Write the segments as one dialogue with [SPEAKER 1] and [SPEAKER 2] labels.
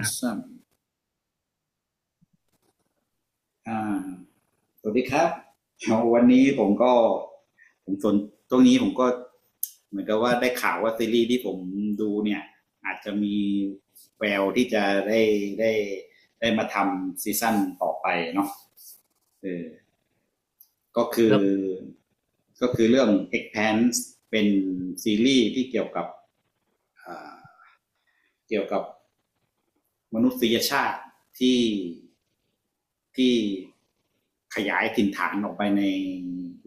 [SPEAKER 1] สวัสดีครับวันนี้ผมก็ผมสนตรงนี้ผมก็เหมือนกับว่าได้ข่าวว่าซีรีส์ที่ผมดูเนี่ยอาจจะมีแววที่จะได้ได้ได้มาทำซีซั่นต่อไปเนาะเออก็คือ
[SPEAKER 2] แล้ว
[SPEAKER 1] ก็คือเรื่อง Expanse เป็นซีรีส์ที่เกี่ยวกับ มนุษยชาติที่ที่ขยายถิ่นฐานออกไปใน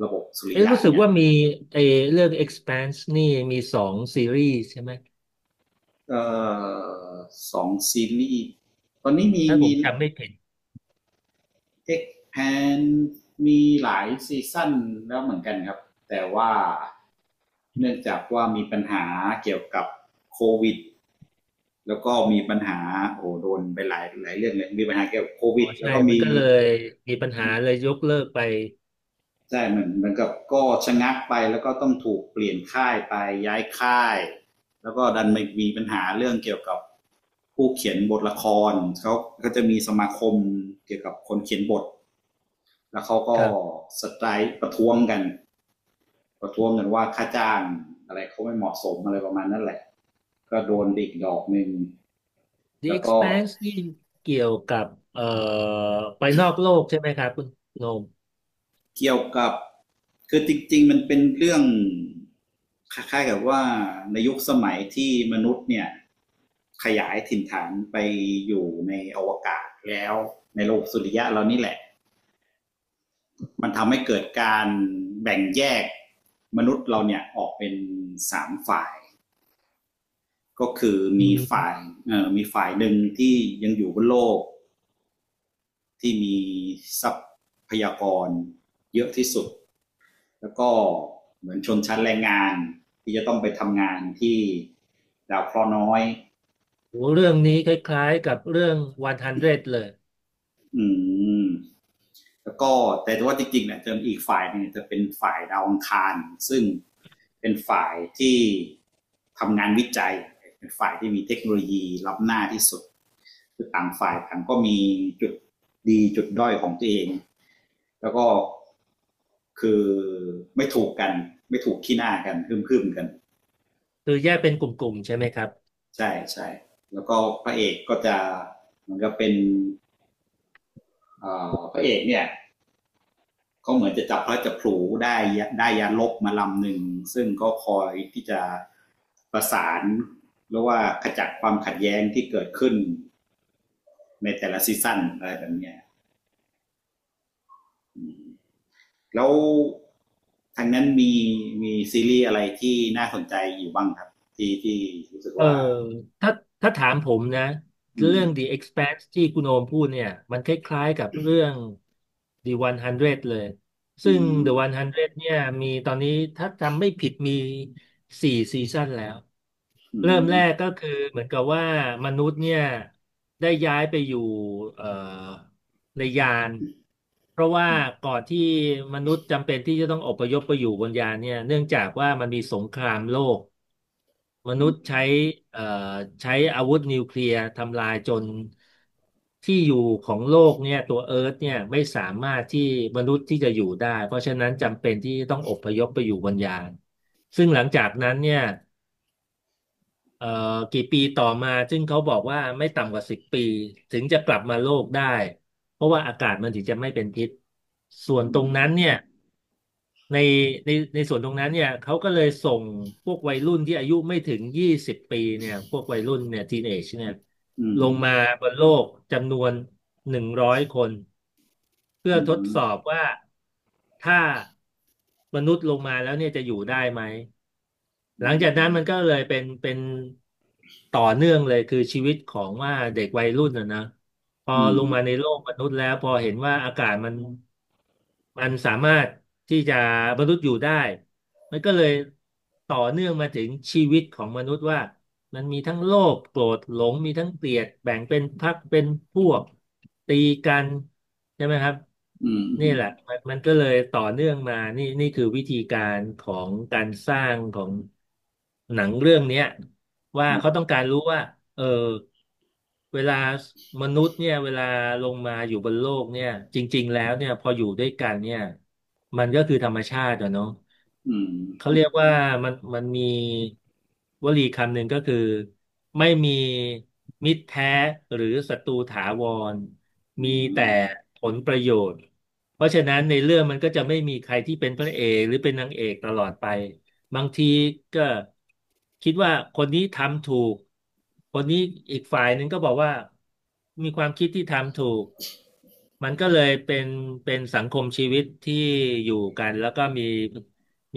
[SPEAKER 1] ระบบสุริ
[SPEAKER 2] เอ๊ะ
[SPEAKER 1] ยะ
[SPEAKER 2] รู้สึก
[SPEAKER 1] เนี่ย
[SPEAKER 2] ว่ามีเออเรื่อง Expanse นี่มีสองซีรีส์ใช่ไหม
[SPEAKER 1] ก็สองซีรีส์ตอนนี้มี
[SPEAKER 2] ถ้าผ
[SPEAKER 1] มี
[SPEAKER 2] มจำไม่ผิด
[SPEAKER 1] X p a n มีหลายซีซั่นแล้วเหมือนกันครับแต่ว่าเนื่องจากว่ามีปัญหาเกี่ยวกับโควิดแล้วก็มีปัญหาโอ้โดนไปหลายหลายเรื่องเลยมีปัญหาเกี่ยวกับโค
[SPEAKER 2] อ๋
[SPEAKER 1] วิ
[SPEAKER 2] อ
[SPEAKER 1] ดแล้
[SPEAKER 2] ใช่
[SPEAKER 1] วก็
[SPEAKER 2] มัน
[SPEAKER 1] มี
[SPEAKER 2] ก็เลยมีปัญหาเลยยกเลิกไป
[SPEAKER 1] ใช่เหมือนกับก็ชะงักไปแล้วก็ต้องถูกเปลี่ยนค่ายไปย้ายค่ายแล้วก็ดันไม่มีปัญหาเรื่องเกี่ยวกับผู้เขียนบทละครเขาก็จะมีสมาคมเกี่ยวกับคนเขียนบทแล้วเขา
[SPEAKER 2] ค
[SPEAKER 1] ก็
[SPEAKER 2] รับ
[SPEAKER 1] สไตรค์ประท้วงกันประท้วงกันว่าค่าจ้างอะไรเขาไม่เหมาะสมอะไรประมาณนั้นแหละก็โดนดิกดอกหนึ่ง
[SPEAKER 2] The
[SPEAKER 1] แล้วก็
[SPEAKER 2] Expanse นี่เกี่ยวกับเอ่อไปนอกโลกใช่ไหมครับคุณโนม
[SPEAKER 1] เกี่ยวกับคือจริงๆมันเป็นเรื่องคล้ายๆกับว่าในยุคสมัยที่มนุษย์เนี่ยขยายถิ่นฐานไปอยู่ในอวกาศแล้วในโลกสุริยะเรานี่แหละมันทำให้เกิดการแบ่งแยกมนุษย์เราเนี่ยออกเป็นสามฝ่ายก็คือ
[SPEAKER 2] อื
[SPEAKER 1] มีฝ่าย
[SPEAKER 2] ม
[SPEAKER 1] มีฝ่ายหนึ่งที่ยังอยู่บนโลกที่มีทรัพยากรเยอะที่สุด แล้วก็เหมือนชนชั้นแรงงานที่จะต้องไปทำงานที่ดาวเคราะห์น้อย
[SPEAKER 2] โหเรื่องนี้คล้ายๆกับเรื่อง100เลย
[SPEAKER 1] อืมแล้วก็แต่ว่าจริงๆเนี่ยจะอีกฝ่ายหนึงเ่จะเป็นฝ่ายดาวอังคารซึ่งเป็นฝ่ายที่ทำงานวิจัยเป็นฝ่ายที่มีเทคโนโลยีล้ำหน้าที่สุดคือต่างฝ่ายต่างก็มีจุดดีจุดด้อยของตัวเองแล้วก็คือไม่ถูกกันไม่ถูกขี้หน้ากันฮึ่มๆกัน
[SPEAKER 2] คือแยกเป็นกลุ่มๆใช่ไหมครับ
[SPEAKER 1] ใช่ใช่แล้วก็พระเอกก็จะเหมือนกับเป็นพระเอกเนี่ยก็เหมือนจะจับพระจับผลูได้ได้ยานลบมาลำหนึ่งซึ่งก็คอยที่จะประสานหรือว่าขจัดความขัดแย้งที่เกิดขึ้นในแต่ละซีซั่นอะไรแบบเนี้ยแล้วทางนั้นมีมีซีรีส์อะไรที่น่าสนใจอยู่บ้างครับที่รู้สึก
[SPEAKER 2] เออ
[SPEAKER 1] ว่า
[SPEAKER 2] ถ้าถ้าถามผมนะ
[SPEAKER 1] อื
[SPEAKER 2] เรื่
[SPEAKER 1] ม
[SPEAKER 2] อง The Expanse ที่คุณโอมพูดเนี่ยมันคล้ายๆกับเรื่อง The 100เลย
[SPEAKER 1] อื
[SPEAKER 2] ซึ่ง
[SPEAKER 1] ม
[SPEAKER 2] The 100เนี่ยมีตอนนี้ถ้าจำไม่ผิดมีสี่ซีซั่นแล้ว
[SPEAKER 1] อื
[SPEAKER 2] เริ่ม
[SPEAKER 1] ม
[SPEAKER 2] แรกก็คือเหมือนกับว่ามนุษย์เนี่ยได้ย้ายไปอยู่เอ่อในยานเพราะว่าก่อนที่มนุษย์จำเป็นที่จะต้องอพยพไปอยู่บนยานเนี่ยเนื่องจากว่ามันมีสงครามโลก ม
[SPEAKER 1] อื
[SPEAKER 2] นุษย์ใช้
[SPEAKER 1] ม
[SPEAKER 2] เอ่อใช้อาวุธนิวเคลียร์ทำลายจนที่อยู่ของโลกเนี่ยตัวเอิร์ธเนี่ยไม่สามารถที่มนุษย์ที่จะอยู่ได้เพราะฉะนั้นจำเป็นที่ต้องอพยพไปอยู่บนยานซึ่งหลังจากนั้นเนี่ยเอ่อกี่ปีต่อมาซึ่งเขาบอกว่าไม่ต่ำกว่าสิบปีถึงจะกลับมาโลกได้เพราะว่าอากาศมันถึงจะไม่เป็นพิษส่วน
[SPEAKER 1] อื
[SPEAKER 2] ตรงนั้
[SPEAKER 1] ม
[SPEAKER 2] นเนี่ย ในในส่วนตรงนั้นเนี่ยเขาก็เลยส่งพวกวัยรุ่นที่อายุไม่ถึงยี่สิบปีเนี่ยพวกวัยรุ่นเนี่ยทีนเอจเนี่ย
[SPEAKER 1] อื
[SPEAKER 2] ล
[SPEAKER 1] ม
[SPEAKER 2] งมาบนโลกจำนวนหนึ่งร้อยคนเพื่อ
[SPEAKER 1] อื
[SPEAKER 2] ทด
[SPEAKER 1] ม
[SPEAKER 2] สอบว่าถ้ามนุษย์ลงมาแล้วเนี่ยจะอยู่ได้ไหม
[SPEAKER 1] อื
[SPEAKER 2] หลังจากนั้น
[SPEAKER 1] ม
[SPEAKER 2] มันก็เลยเป็นต่อเนื่องเลยคือชีวิตของว่าเด็กวัยรุ่นนะนะพอ
[SPEAKER 1] อื
[SPEAKER 2] ล
[SPEAKER 1] ม
[SPEAKER 2] งมาในโลกมนุษย์แล้วพอเห็นว่าอากาศมัน มันสามารถที่จะมนุษย์อยู่ได้มันก็เลยต่อเนื่องมาถึงชีวิตของมนุษย์ว่ามันมีทั้งโลภโกรธหลงมีทั้งเกลียดแบ่งเป็นพรรคเป็นพวกตีกันใช่ไหมครับ
[SPEAKER 1] อืมอื
[SPEAKER 2] นี่
[SPEAKER 1] ม
[SPEAKER 2] แหละมันก็เลยต่อเนื่องมานี่คือวิธีการของการสร้างของหนังเรื่องเนี้ยว่า
[SPEAKER 1] อืม
[SPEAKER 2] เขาต้องการรู้ว่าเออ เวลามนุษย์เนี่ยเวลาลงมาอยู่บนโลกเนี่ยจริงๆแล้วเนี่ยพออยู่ด้วยกันเนี่ยมันก็คือธรรมชาติอะเนาะ
[SPEAKER 1] อืม
[SPEAKER 2] เขาเรียกว่ามันมีวลีคำหนึ่งก็คือไม่มีมิตรแท้หรือศัตรูถาวร
[SPEAKER 1] อื
[SPEAKER 2] มีแต่
[SPEAKER 1] ม
[SPEAKER 2] ผลประโยชน์เพราะฉะนั้นในเรื่องมันก็จะไม่มีใครที่เป็นพระเอกหรือเป็นนางเอกตลอดไป บางทีก็คิดว่าคนนี้ทำถูก คนนี้อีกฝ่ายหนึ่งก็บอกว่ามีความคิดที่ทำถูกมันก็เลยเป็นสังคมชีวิตที่อยู่กันแล้วก็มี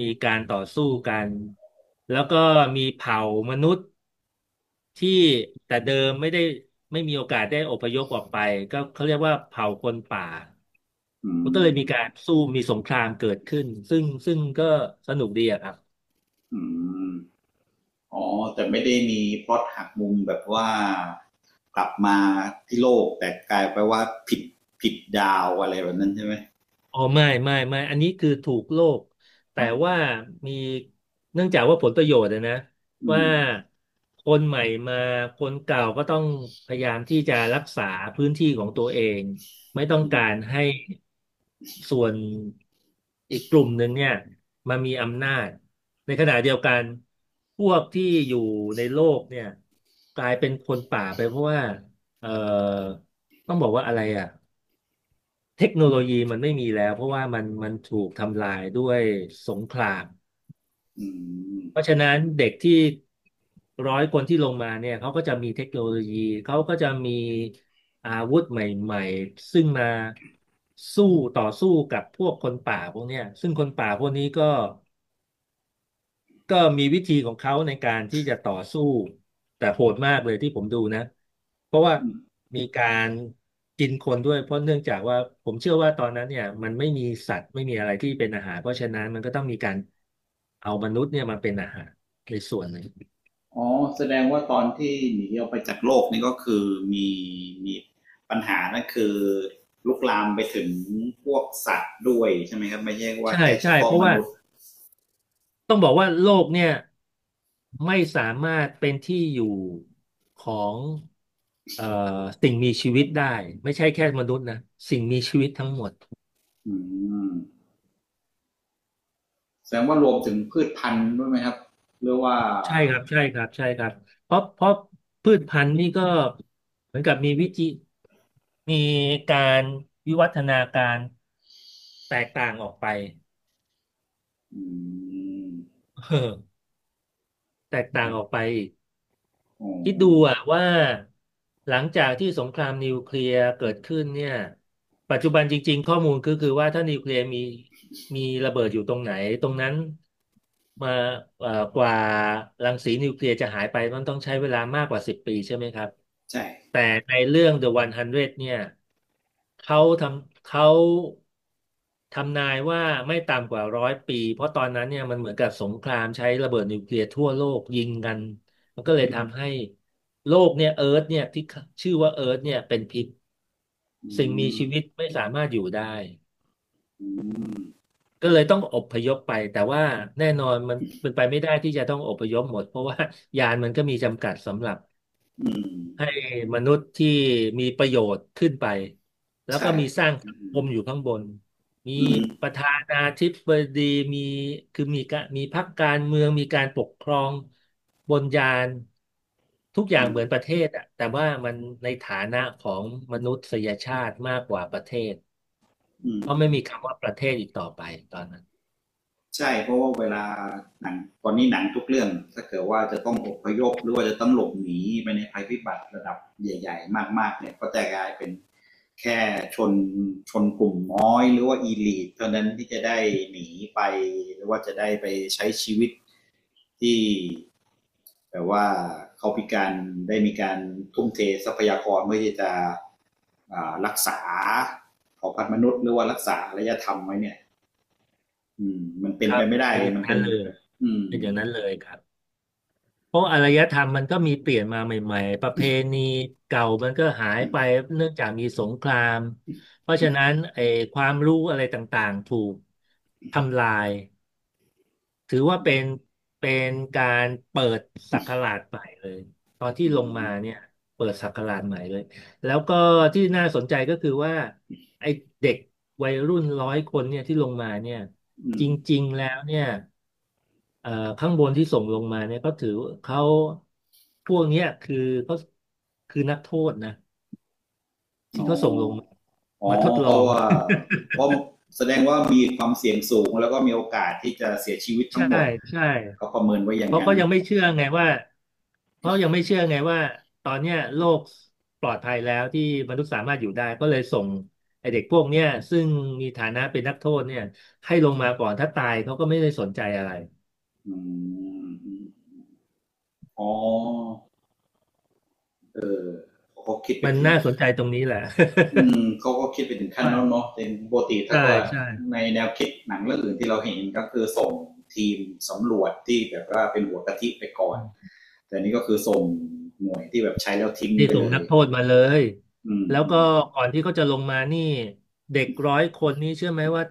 [SPEAKER 2] มีการต่อสู้กันแล้วก็มีเผ่ามนุษย์ที่แต่เดิมไม่มีโอกาสได้อพยพออกไปก็เขาเรียกว่าเผ่าคนป่า
[SPEAKER 1] อื
[SPEAKER 2] มันก็เลยมีกา
[SPEAKER 1] ม
[SPEAKER 2] รสู้มีสงครามเกิดขึ้นซึ่งก็สนุกดีอะครับ
[SPEAKER 1] อืมอ๋อแต่ไม่ได้มีพล็อตหักมุมแบบว่ากลับมาที่โลกแต่กลายไปว่าผิดผิดดาวอะไรแบบนั้นใช่ไหม
[SPEAKER 2] อ๋อไม่อันนี้คือถูกโลกแต่ว่ามีเนื่องจากว่าผลประโยชน์อะนะ
[SPEAKER 1] อื
[SPEAKER 2] ว่า
[SPEAKER 1] ม
[SPEAKER 2] คนใหม่มาคนเก่าก็ต้องพยายามที่จะรักษาพื้นที่ของตัวเองไม่ต้อง
[SPEAKER 1] อืม
[SPEAKER 2] การให้ส่วนอีกกลุ่มหนึ่งเนี่ยมามีอำนาจในขณะเดียวกันพวกที่อยู่ในโลกเนี่ยกลายเป็นคนป่าไปเพราะว่าเอ่อต้องบอกว่าอะไรอ่ะ เทคโนโลยีมันไม่มีแล้วเพราะว่ามันถูกทำลายด้วยสงคราม
[SPEAKER 1] อืม
[SPEAKER 2] เพราะฉะนั้นเด็กที่ร้อยคนที่ลงมาเนี่ยเขาก็จะมีเทคโนโลยีเขาก็จะมีอาวุธใหม่ๆซึ่งมาสู้ต่อสู้กับพวกคนป่าพวกเนี้ยซึ่งคนป่าพวกนี้ก็ ก็มีวิธีของเขาในการที่จะต่อสู้แต่โหดมากเลยที่ผมดูนะเพราะว่า
[SPEAKER 1] อืม
[SPEAKER 2] มีการกินคนด้วยเพราะเนื่องจากว่าผมเชื่อว่าตอนนั้นเนี่ยมันไม่มีสัตว์ไม่มีอะไรที่เป็นอาหารเพราะฉะนั้นมันก็ต้องมีการเอามนุษย์เนี่ยมาเป็นอาหารในส่วนหนึ่ง
[SPEAKER 1] อ๋อแสดงว่าตอนที่หนีออกไปจากโลกนี่ก็คือมีมีปัญหานั่นคือลุกลามไปถึงพวกสัตว์ด้วยใช่ไหมครับไม่ใช่ว่า
[SPEAKER 2] ใช่
[SPEAKER 1] แค่เฉ
[SPEAKER 2] ใช่
[SPEAKER 1] พาะ
[SPEAKER 2] เพราะ
[SPEAKER 1] ม
[SPEAKER 2] ว่า
[SPEAKER 1] นุษย์
[SPEAKER 2] ต้องบอกว่าโลกเนี่ยไม่สามารถเป็นที่อยู่ของเอ่อสิ่งมีชีวิตได้ไม่ใช่แค่มนุษย์นะสิ่งมีชีวิตทั้งหมด
[SPEAKER 1] อืมแสดงว่ารวมถึงพืชพันธุ์ด้วยไหมครับหรือว่า
[SPEAKER 2] ใช่ครับใช่ครับใช่ครับเพราะพืชพันธุ์นี่ก็เหมือนกับมีการวิวัฒนาการแตกต่างออกไป
[SPEAKER 1] อืม
[SPEAKER 2] เออแตก
[SPEAKER 1] โอ
[SPEAKER 2] ต่างออก
[SPEAKER 1] ้
[SPEAKER 2] ไป
[SPEAKER 1] โ
[SPEAKER 2] คิดดู
[SPEAKER 1] ห
[SPEAKER 2] อะว่าหลังจากที่สงครามนิวเคลียร์เกิดขึ้นเนี่ยปัจจุบันจริงๆข้อมูลคือว่าถ้านิวเคลียร์มีระเบิดอยู่ตรงไหนตรงนั้นมาเอ่อกว่ารังสีนิวเคลียร์จะหายไปมันต้องใช้เวลามากกว่าสิบปีใช่ไหมครับ
[SPEAKER 1] ใช่
[SPEAKER 2] แต่ในเรื่อง The 100เนี่ยเขาทำนายว่าไม่ต่ำกว่าร้อยปีเพราะตอนนั้นเนี่ยมันเหมือนกับสงครามใช้ระเบิดนิวเคลียร์ทั่วโลกยิงกัน มันก็เลยทำให้โลกเนี่ยเอิร์ธเนี่ยที่ชื่อว่าเอิร์ธเนี่ยเป็นพิษ
[SPEAKER 1] อื
[SPEAKER 2] สิ่งมี
[SPEAKER 1] ม
[SPEAKER 2] ชีวิตไม่สามารถอยู่ได้
[SPEAKER 1] อืม
[SPEAKER 2] ก็เลยต้องอพยพไปแต่ว่าแน่นอนมันเป็นไปไม่ได้ที่จะต้องอพยพหมดเพราะว่า ยานมันก็มีจำกัดสำหรับ
[SPEAKER 1] อืม
[SPEAKER 2] ให้มนุษย์ที่มีประโยชน์ขึ้นไปแล้ว
[SPEAKER 1] ใช่
[SPEAKER 2] ก็มีสร้าง
[SPEAKER 1] อื
[SPEAKER 2] สังค
[SPEAKER 1] ม
[SPEAKER 2] มอยู่ข้างบนมี
[SPEAKER 1] อืม
[SPEAKER 2] ประธานาธิบดีมีคือมีกะมีพรรคการเมืองมีการปกครองบนยานทุกอย่า
[SPEAKER 1] อื
[SPEAKER 2] งเหมือน
[SPEAKER 1] ม
[SPEAKER 2] ประเทศอะแต่ว่ามันในฐานะของมนุษยชาติมากกว่าประเทศ
[SPEAKER 1] อืม
[SPEAKER 2] เพราะไม่มีคำว่าประเทศอีกต่อไปตอนนั้น
[SPEAKER 1] ใช่เพราะว่าเวลาหนังตอนนี้หนังทุกเรื่องถ้าเกิดว่าจะต้องอพยพหรือว่าจะต้องหลบหนีไปในภัยพิบัติระดับใหญ่ๆมากๆเนี่ยก็จะกลายเป็นแค่ชนชนกลุ่มน้อยหรือว่าอีลีทเท่านั้นที่จะได้หนีไปหรือว่าจะได้ไปใช้ชีวิตที่แบบว่าเขาพิการได้มีการทุ่มเททรัพยากรเพื่อที่จะรักษาเผ่าพันธุ์มนุษย์หรือว่ารักษาอารยธรรมไว้เนี่ย อืมมันเป็
[SPEAKER 2] ค
[SPEAKER 1] น
[SPEAKER 2] รั
[SPEAKER 1] ไป
[SPEAKER 2] บ
[SPEAKER 1] ไม่ได้
[SPEAKER 2] เป็นอย่าง
[SPEAKER 1] มันเป็
[SPEAKER 2] นั้
[SPEAKER 1] น
[SPEAKER 2] นเลย
[SPEAKER 1] อืม
[SPEAKER 2] เป็นอย่างนั้นเลยครับ เพราะอารยธรรมมันก็มีเปลี่ยนมาใหม่ๆ ประเพณีเก่ามันก็หายไปเนื่องจากมีสงคราม เพราะฉะนั้นไอ้ความรู้อะไรต่างๆถูกทำลาย ถือว่า
[SPEAKER 1] อื
[SPEAKER 2] เป็น
[SPEAKER 1] ม
[SPEAKER 2] เป็นการเปิดศักราชใหม่เลยตอนที่
[SPEAKER 1] อื
[SPEAKER 2] ลง
[SPEAKER 1] ม
[SPEAKER 2] มาเนี่ยเปิดศักราชใหม่เลยแล้วก็ที่น่าสนใจก็คือว่าไอ้เด็กวัยรุ่นร้อยคนเนี่ยที่ลงมาเนี่ย
[SPEAKER 1] อื
[SPEAKER 2] จ
[SPEAKER 1] ม
[SPEAKER 2] ริงๆแล้วเนี่ยเอ่อข้างบนที่ส่งลงมาเนี่ยก็ถือเขาพวกเนี้ยคือเขาคือนักโทษนะ
[SPEAKER 1] อ๋
[SPEAKER 2] ที่
[SPEAKER 1] อ
[SPEAKER 2] เขาส่งลงมา
[SPEAKER 1] อ๋อ
[SPEAKER 2] มาทดล
[SPEAKER 1] เพ
[SPEAKER 2] อ
[SPEAKER 1] ราะ
[SPEAKER 2] ง
[SPEAKER 1] ว่าเพราะแสดงว่ามีความเสี่ยงสูงแล้วก็มีโอกาสที่จะเสียชีวิต ทั้ง
[SPEAKER 2] ใช่
[SPEAKER 1] หมด
[SPEAKER 2] ใช่
[SPEAKER 1] เขาประเมินไว้อ
[SPEAKER 2] เพ
[SPEAKER 1] ย่าง
[SPEAKER 2] ราะ
[SPEAKER 1] นั้
[SPEAKER 2] เขา
[SPEAKER 1] น
[SPEAKER 2] ยังไม่เชื่อไงว่าเพราะยังไม่เชื่อไงว่าตอนเนี้ยโลกปลอดภัยแล้วที่มนุษย์สามารถอยู่ได้ก็เลยส่งไอเด็กพวกเนี้ยซึ่งมีฐานะเป็นนักโทษเนี่ยให้ลงมาก่อนถ้าตายเขาก็ไม่ได้สนใจอะไร
[SPEAKER 1] อืมอ๋อเขาคิดไป
[SPEAKER 2] มัน
[SPEAKER 1] ถึง
[SPEAKER 2] น่าสนใจตรงนี้แหละ
[SPEAKER 1] อืมเขาก็คิดไปถึงขั้ น
[SPEAKER 2] ว่า
[SPEAKER 1] นั้นเนาะแต่ปกติถ้า
[SPEAKER 2] ใช่
[SPEAKER 1] ก็
[SPEAKER 2] ใช่
[SPEAKER 1] ในแนวคิดหนังเรื่องอื่นที่เราเห็นก็คือส่งทีมสำรวจที่แบบว่าเป็นหัวกะทิไปก่อนแต่นี่ก็คือส่งหน่วยที่แบบใช้แล้วทิ้ง
[SPEAKER 2] ที่
[SPEAKER 1] ไป
[SPEAKER 2] ส่ง
[SPEAKER 1] เลย
[SPEAKER 2] นักโทษมาเลย
[SPEAKER 1] อืม
[SPEAKER 2] แล้ว
[SPEAKER 1] อื
[SPEAKER 2] ก็
[SPEAKER 1] ม
[SPEAKER 2] ก่อนที่เขาจะลงมานี่เด็กร้อยคนนี่เชื่อไหมว่า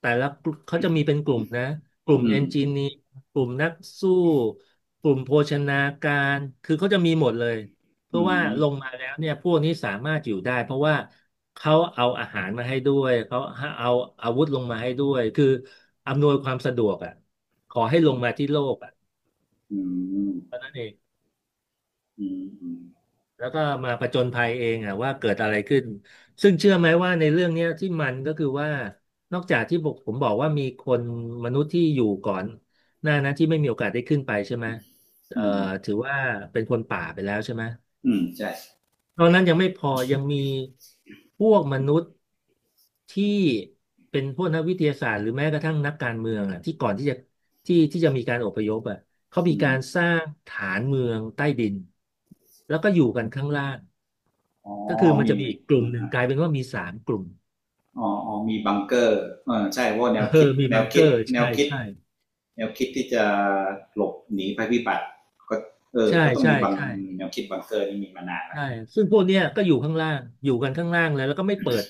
[SPEAKER 2] แต่ละกลุ่มเขาจะมีเป็นกลุ่มนะกลุ่ม
[SPEAKER 1] อื
[SPEAKER 2] เอ
[SPEAKER 1] ม
[SPEAKER 2] นจิเนียร์กลุ่มนักสู้กลุ่มโภชนาการคือเขาจะมีหมดเลยเพื่
[SPEAKER 1] อื
[SPEAKER 2] อ
[SPEAKER 1] ม
[SPEAKER 2] ว่า
[SPEAKER 1] อืม
[SPEAKER 2] ลงมาแล้วเนี่ยพวกนี้สามารถอยู่ได้เพราะว่าเขาเอาอาหารมาให้ด้วยเขาเอาอาวุธลงมาให้ด้วยคืออำนวยความสะดวกอ่ะขอให้ลงมาที่โลกอ่ะ
[SPEAKER 1] อืม
[SPEAKER 2] เท่านั้นเอง
[SPEAKER 1] อืมอืม
[SPEAKER 2] แล้วก็มาผจญภัยเองอ่ะว่าเกิดอะไรขึ้นซึ่งเชื่อไหมว่าในเรื่องเนี้ยที่มันก็คือว่านอกจากที่บอกผมบอกว่ามีคนมนุษย์ที่อยู่ก่อนหน้านั้นที่ไม่มีโอกาสได้ขึ้นไปใช่ไหมเอ่อ
[SPEAKER 1] อืม
[SPEAKER 2] ถือว่าเป็นคนป่าไปแล้วใช่ไหม
[SPEAKER 1] ใช่
[SPEAKER 2] ตอนนั้นยังไม่พอยังมีพวกมนุษย์ที่เป็นพวกนักวิทยาศาสตร์หรือแม้กระทั่งนักการเมืองอ่ะที่ก่อนที่จะที่จะมีการอพยพอ่ะเขามี
[SPEAKER 1] อื
[SPEAKER 2] การ
[SPEAKER 1] ม
[SPEAKER 2] สร้างฐานเมืองใต้ดินแล้วก็อยู่กันข้างล่าง
[SPEAKER 1] อ๋อ
[SPEAKER 2] ก็คือมัน
[SPEAKER 1] มี
[SPEAKER 2] จะมีอีกกลุ่มหนึ่
[SPEAKER 1] อ
[SPEAKER 2] งกลายเป็นว่ามีสามกลุ่ม
[SPEAKER 1] ๋ออ๋อมีบังเกอร์เออใช่เพราะว่าแนว
[SPEAKER 2] เอ
[SPEAKER 1] คิด
[SPEAKER 2] อมี
[SPEAKER 1] แน
[SPEAKER 2] บั
[SPEAKER 1] ว
[SPEAKER 2] งเก
[SPEAKER 1] คิด
[SPEAKER 2] อร์
[SPEAKER 1] แนวคิด แนวคิดที่จะหลบหนีภัยพิบัติก็เออ
[SPEAKER 2] ใช่
[SPEAKER 1] ก็ต้อง
[SPEAKER 2] ใช่
[SPEAKER 1] มีบาง
[SPEAKER 2] ใช่
[SPEAKER 1] แนวคิดบังเกอร์นี่มีมานานแล้ว
[SPEAKER 2] ใช่ซึ่งพวกเนี้ยก็อยู่ข้างล่างอยู่กันข้างล่างเลยแล้วก็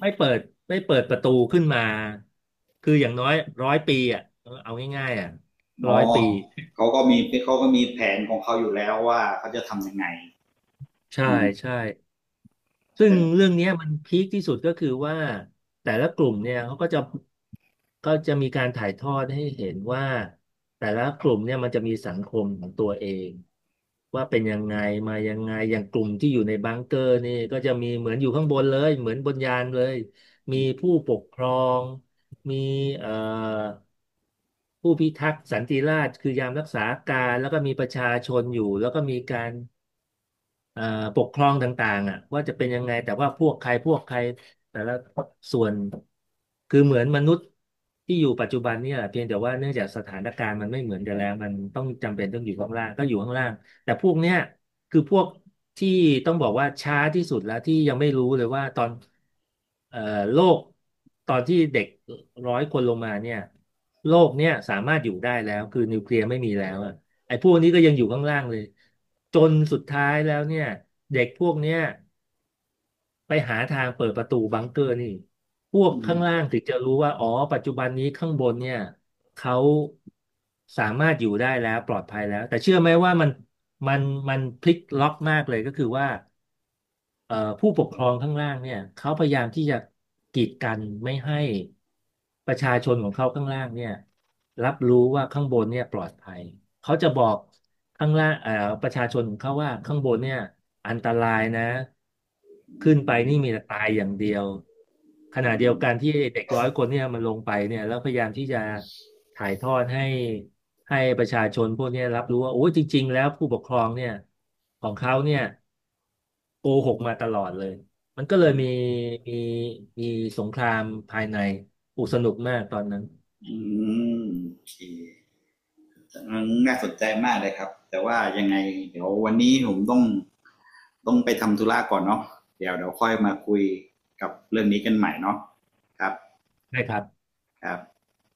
[SPEAKER 2] ไม่เปิดไม่เปิดประตูขึ้นมา คืออย่างน้อยร้อยปีอ่ะเอาง่ายๆอ่ะร้อย
[SPEAKER 1] เนาะ
[SPEAKER 2] ปี
[SPEAKER 1] เขาก็มีเขาก็มีแผนของเขาอยู่แล้วว่าเขาจะทำยังไง
[SPEAKER 2] ใช่
[SPEAKER 1] อืม
[SPEAKER 2] ใช่ ซึ่ง
[SPEAKER 1] แต่
[SPEAKER 2] เรื่องเนี้ยมันพีคที่สุดก็คือว่าแต่ละกลุ่มเนี่ยเขาก็จะมีการถ่ายทอดให้เห็นว่าแต่ละกลุ่มเนี่ยมันจะมีสังคมของตัวเองว่าเป็นยังไงมายังไงอย่างกลุ่มที่อยู่ในบังเกอร์นี่ก็จะมีเหมือนอยู่ข้างบนเลยเหมือนบนยานเลยมี
[SPEAKER 1] อืม
[SPEAKER 2] ผู้ปกครองมีเอ่อผู้พิทักษ์สันติราษฎร์คือยามรักษาการแล้วก็มีประชาชนอยู่แล้วก็มีการ เอ่อปกครองต่างๆอ่ะว่าจะเป็นยังไงแต่ว่าพวกใครพวกใครแต่ละส่วนคือเหมือนมนุษย์ที่อยู่ปัจจุบันเนี่ยแหละเพียงแต่ว่าเนื่องจากสถานการณ์มันไม่เหมือนกันแล้วมันต้องจำเป็นต้องอยู่ข้างล่างก็อยู่ข้างล่างแต่พวกเนี้ยคือพวกที่ต้องบอกว่าช้าที่สุดแล้วที่ยังไม่รู้เลยว่าตอนเอ่อโลกตอนที่เด็กร้อยคนลงมาเนี่ยโลกเนี่ยสามารถอยู่ได้แล้วคือนิวเคลียร์ไม่มีแล้วอะ ไอ้พวกนี้ก็ยังอยู่ข้างล่างเลยจนสุดท้ายแล้วเนี่ยเด็กพวกเนี้ยไปหาทางเปิดประตูบังเกอร์นี่พวก
[SPEAKER 1] อืม
[SPEAKER 2] ข้างล่างถึงจะรู้ว่าอ๋อปัจจุบันนี้ข้างบนเนี่ยเขาสามารถอยู่ได้แล้วปลอดภัยแล้วแต่เชื่อไหมว่ามันมันพลิกล็อกมากเลยก็คือว่า ผู้ปกครองข้างล่างเนี่ยเขาพยายามที่จะกีดกันไม่ให้ประชาชนของเขาข้างล่างเนี่ยรับรู้ว่าข้างบนเนี่ยปลอดภัยเขาจะบอกข้างล่างประชาชนของเขาว่าข้างบนเนี่ยอันตรายนะขึ้นไปนี่มีแต่ตายอย่างเดียวข
[SPEAKER 1] อื
[SPEAKER 2] ณะเดียวกัน
[SPEAKER 1] ม
[SPEAKER 2] ที่เด็กร้อยคนเนี่ยมันลงไปเนี่ยแล้วพยายามที่จะถ่ายทอดให้ประชาชนพวกเนี้ยรับรู้ว่าโอ้ยจริงๆแล้วผู้ปกครองเนี่ยของเขาเนี่ย โกหกมาตลอดเลย มันก็เลยมีมีสงครามภายในอุกสนุกมากตอนนั้น
[SPEAKER 1] โอเคน่าสนใจมากเลยครับแต่ว่ายังไงเดี๋ยววันนี้ผมต้องไปทำธุระก่อนเนาะเดี๋ยวค่อยมาคุยกับเรื่องนี้กันใหม่เนาะครับ
[SPEAKER 2] ใช่ครับ
[SPEAKER 1] ครับ